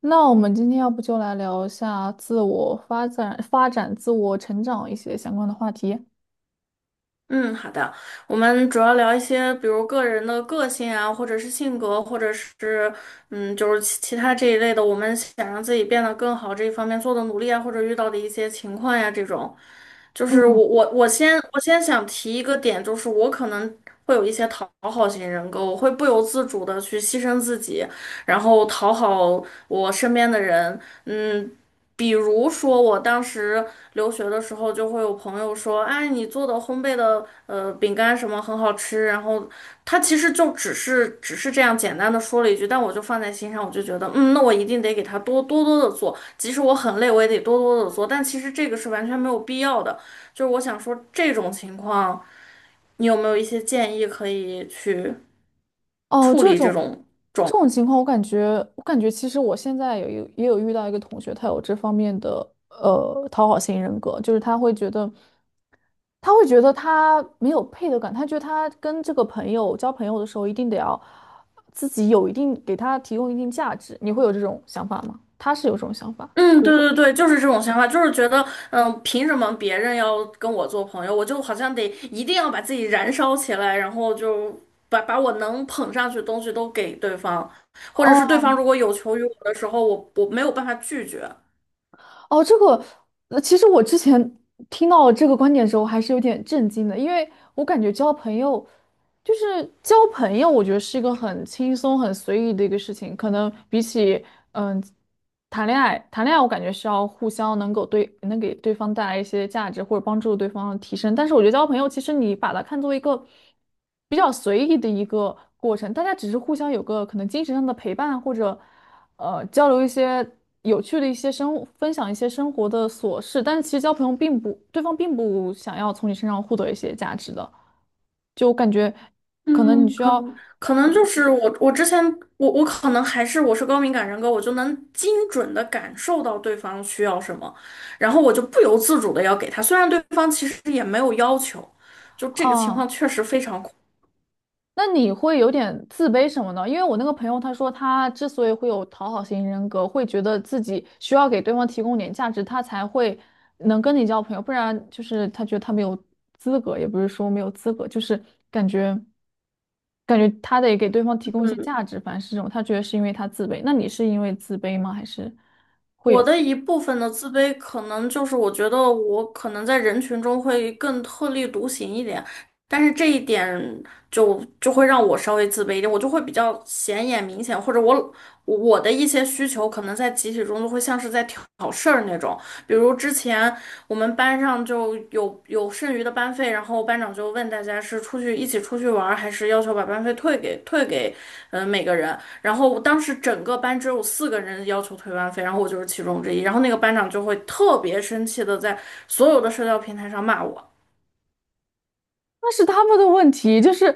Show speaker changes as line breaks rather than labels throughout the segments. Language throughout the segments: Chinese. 那我们今天要不就来聊一下自我发展、发展自我成长一些相关的话题。
嗯，好的。我们主要聊一些，比如个人的个性啊，或者是性格，或者是其他这一类的，我们想让自己变得更好这一方面做的努力啊，或者遇到的一些情况呀，这种。就是
嗯
我我我先我先想提一个点，就是我可能会有一些讨好型人格，我会不由自主的去牺牲自己，然后讨好我身边的人。嗯，比如说我当时留学的时候就会有朋友说，哎，你做的烘焙的饼干什么很好吃，然后他其实就只是这样简单的说了一句，但我就放在心上，我就觉得，嗯，那我一定得给他多多的做，即使我很累，我也得多多的做，但其实这个是完全没有必要的，就是我想说这种情况，你有没有一些建议可以去
哦，
处
这
理这
种
种？
这种情况，我感觉，我感觉其实我现在也有遇到一个同学，他有这方面的讨好型人格，就是他会觉得，他会觉得他没有配得感，他觉得他跟这个朋友交朋友的时候，一定得要自己有一定给他提供一定价值。你会有这种想法吗？他是有这种想法。
嗯，
对，
对对对，就是这种想法，就是觉得，嗯，凭什么别人要跟我做朋友，我就好像得一定要把自己燃烧起来，然后就把我能捧上去的东西都给对方，或者
哦，
是对方如果有求于我的时候，我没有办法拒绝。
哦，这个，其实我之前听到这个观点的时候，还是有点震惊的，因为我感觉交朋友，就是交朋友，我觉得是一个很轻松、很随意的一个事情，可能比起嗯谈恋爱，谈恋爱我感觉是要互相能够能给对方带来一些价值，或者帮助对方提升，但是我觉得交朋友，其实你把它看作一个比较随意的一个过程，大家只是互相有个可能精神上的陪伴，或者。交流一些有趣的一些生，分享一些生活的琐事，但是其实交朋友并不，对方并不想要从你身上获得一些价值的，就感觉可能你
嗯，
需
可
要
能可能就是我，我之前我我可能还是我是高敏感人格，我就能精准的感受到对方需要什么，然后我就不由自主的要给他，虽然对方其实也没有要求，就这个情
啊，
况确实非常。
那你会有点自卑什么呢？因为我那个朋友他说他之所以会有讨好型人格，会觉得自己需要给对方提供点价值，他才会能跟你交朋友，不然就是他觉得他没有资格，也不是说没有资格，就是感觉。感觉他得给对方提供一些
嗯，
价值，反正是这种，他觉得是因为他自卑。那你是因为自卑吗？还是
我的一部分的自卑，可能就是我觉得我可能在人群中会更特立独行一点，但是这一点就会让我稍微自卑一点，我就会比较显眼明显，或者我我的一些需求可能在集体中就会像是在挑事儿那种，比如之前我们班上就有剩余的班费，然后班长就问大家是出去一起出去玩儿还是要求把班费退给每个人。然后我当时整个班只有四个人要求退班费，然后我就是其中之一。然后那个班长就会特别生气的在所有的社交平台上骂我。
那是他们的问题？就是，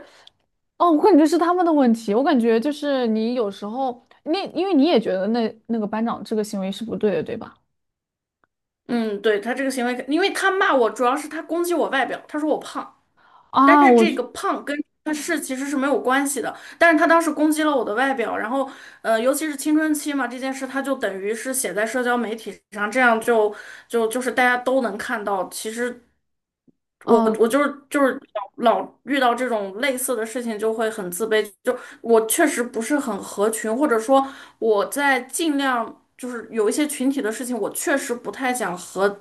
哦，我感觉是他们的问题。我感觉就是你有时候，你因为你也觉得那个班长这个行为是不对的，对吧？
嗯，对，他这个行为，因为他骂我主要是他攻击我外表，他说我胖。但
啊，
是
我
这
就，
个胖跟他其实是没有关系的，但是他当时攻击了我的外表，然后尤其是青春期嘛，这件事他就等于是写在社交媒体上，这样就是大家都能看到。其实我
嗯、
我就是就是老老遇到这种类似的事情就会很自卑，就我确实不是很合群，或者说我在尽量就是有一些群体的事情，我确实不太想和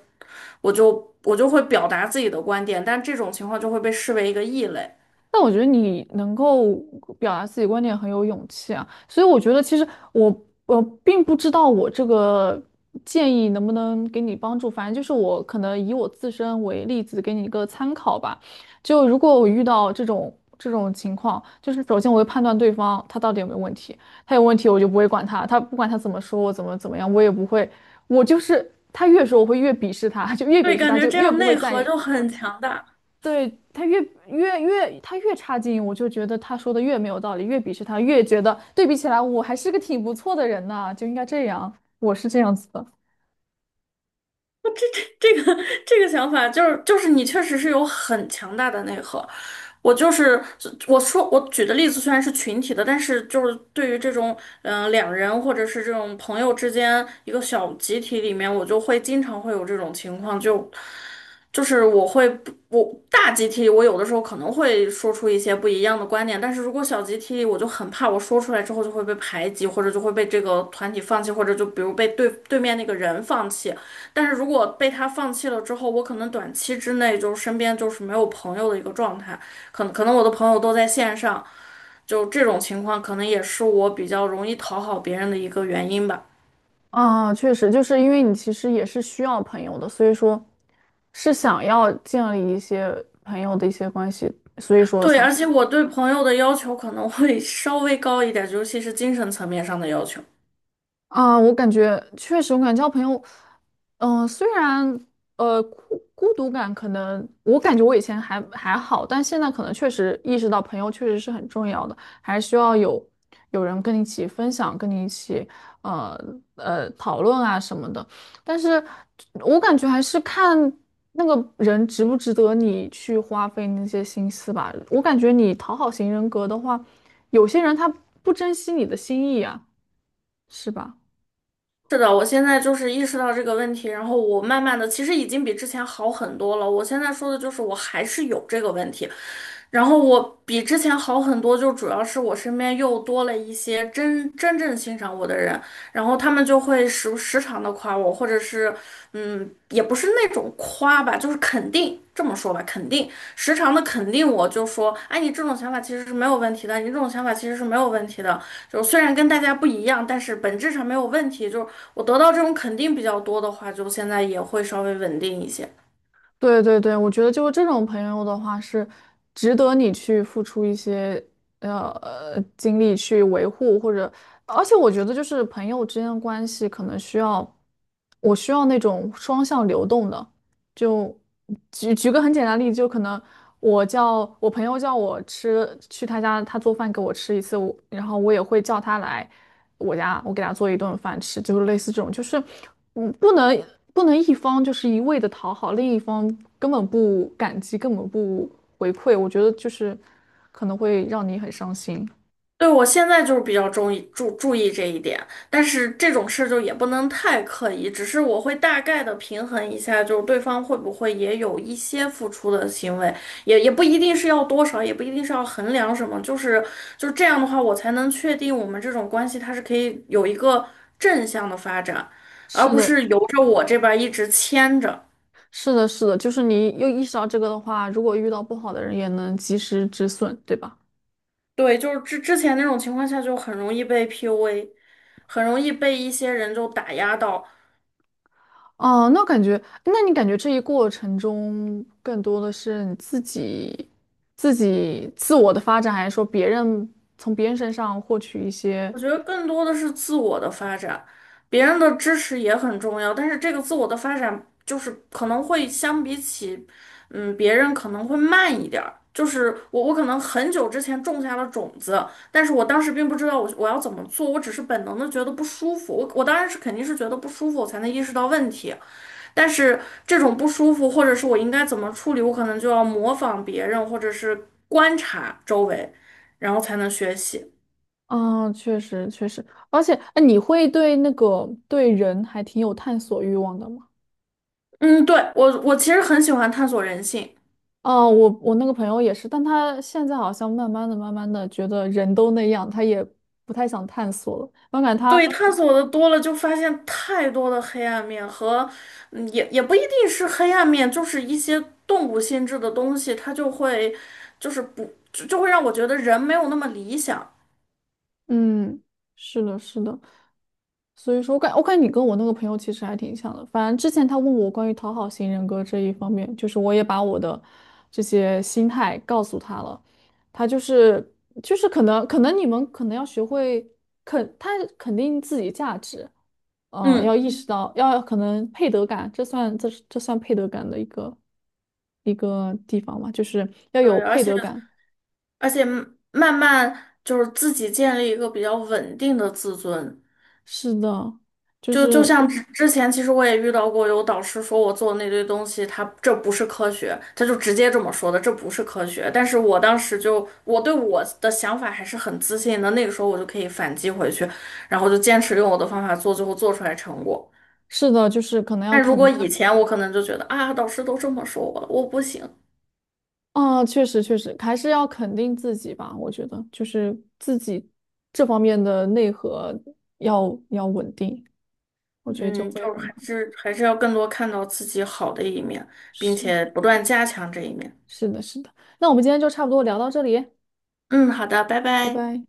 我会表达自己的观点，但这种情况就会被视为一个异类。
但我觉得你能够表达自己观点很有勇气啊，所以我觉得其实我并不知道我这个建议能不能给你帮助，反正就是我可能以我自身为例子给你一个参考吧。就如果我遇到这种情况，就是首先我会判断对方他到底有没有问题，他有问题我就不会管他，他不管他怎么说我怎么样，我也不会，我就是他越说我会越鄙视他，就越
对，
鄙视
感
他
觉
就
这
越
样
不会
内
在
核
意。
就很强大。
对，他越他越差劲，我就觉得他说的越没有道理，越鄙视他，越觉得对比起来我还是个挺不错的人呐，就应该这样，我是这样子的。
这个这个想法就是你确实是有很强大的内核。我就是我说我举的例子虽然是群体的，但是就是对于这种两人或者是这种朋友之间一个小集体里面，我就会经常会有这种情况，就是我会不我大集体，我有的时候可能会说出一些不一样的观点，但是如果小集体，我就很怕我说出来之后就会被排挤，或者就会被这个团体放弃，或者就比如被对面那个人放弃。但是如果被他放弃了之后，我可能短期之内就身边就是没有朋友的一个状态，可能我的朋友都在线上，就这种情况可能也是我比较容易讨好别人的一个原因吧。
啊，确实，就是因为你其实也是需要朋友的，所以说是想要建立一些朋友的一些关系，所以说
对，
才
而且我对朋友的要求可能会稍微高一点，尤其是精神层面上的要求。
啊，我感觉确实，我感觉交朋友，虽然孤独感可能，我感觉我以前还好，但现在可能确实意识到朋友确实是很重要的，还需要有有人跟你一起分享，跟你一起呃讨论啊什么的。但是我感觉还是看那个人值不值得你去花费那些心思吧。我感觉你讨好型人格的话，有些人他不珍惜你的心意啊，是吧？
是的，我现在就是意识到这个问题，然后我慢慢的，其实已经比之前好很多了。我现在说的就是我还是有这个问题，然后我比之前好很多，就主要是我身边又多了一些真正欣赏我的人，然后他们就会时常的夸我，或者是嗯，也不是那种夸吧，就是肯定，这么说吧，肯定，时常的肯定我，就说，哎，你这种想法其实是没有问题的，你这种想法其实是没有问题的，就虽然跟大家不一样，但是本质上没有问题。就是我得到这种肯定比较多的话，就现在也会稍微稳定一些。
对对对，我觉得就是这种朋友的话，是值得你去付出一些精力去维护，或者，而且我觉得就是朋友之间的关系可能需要，我需要那种双向流动的，就举个很简单的例子，就可能我叫我朋友叫我去他家，他做饭给我吃一次，然后我也会叫他来我家，我给他做一顿饭吃，就是类似这种，就是嗯，不能不能一方就是一味的讨好，另一方根本不感激，根本不回馈，我觉得就是可能会让你很伤心。
对，我现在就是比较注意注意这一点，但是这种事就也不能太刻意，只是我会大概的平衡一下，就是对方会不会也有一些付出的行为，也不一定是要多少，也不一定是要衡量什么，就是这样的话，我才能确定我们这种关系它是可以有一个正向的发展，而
是
不
的，
是由着我这边儿一直牵着。
是的，是的，就是你又意识到这个的话，如果遇到不好的人，也能及时止损，对吧？
对，就是之前那种情况下就很容易被 PUA,很容易被一些人就打压到。
哦，那感觉，那你感觉这一过程中更多的是你自己、自己自我的发展，还是说别人从别人身上获取一些？
我觉得更多的是自我的发展，别人的支持也很重要，但是这个自我的发展就是可能会相比起，嗯，别人可能会慢一点儿。就是我，我可能很久之前种下了种子，但是我当时并不知道我要怎么做，我只是本能的觉得不舒服。我当然是肯定是觉得不舒服，我才能意识到问题。但是这种不舒服，或者是我应该怎么处理，我可能就要模仿别人，或者是观察周围，然后才能学习。
嗯，确实确实，而且，哎，你会对对人还挺有探索欲望的吗？
嗯，对，我其实很喜欢探索人性，
哦，我那个朋友也是，但他现在好像慢慢的、慢慢的觉得人都那样，他也不太想探索了。我感觉他
对，探索的多了就发现太多的黑暗面和，嗯也不一定是黑暗面，就是一些动物性质的东西，它就会就是不就就会让我觉得人没有那么理想。
嗯，是的，是的。所以说我感觉你跟我那个朋友其实还挺像的。反正之前他问我关于讨好型人格这一方面，就是我也把我的这些心态告诉他了。他就是可能你们可能要学会肯他肯定自己价值，呃，要
嗯，
意识到要可能配得感，这算配得感的一个一个地方嘛，就是要
对，
有
而
配
且
得感。
而且慢慢就是自己建立一个比较稳定的自尊。
是的，就
就就
是
像之前，其实我也遇到过有导师说我做的那堆东西，他这不是科学，他就直接这么说的，这不是科学。但是我当时就我对我的想法还是很自信的，那个时候我就可以反击回去，然后就坚持用我的方法做，最后做出来成果。
是的，就是可能要
但如果
肯。
以前我可能就觉得啊，导师都这么说我了，我不行。
啊，确实确实，还是要肯定自己吧。我觉得就是自己这方面的内核要稳定，我觉得就
嗯，就
会
是
很
还
好。
是还是要更多看到自己好的一面，并
是的，
且不断加强这一面。
是的，是的。那我们今天就差不多聊到这里，
嗯，好的，拜
拜
拜。
拜。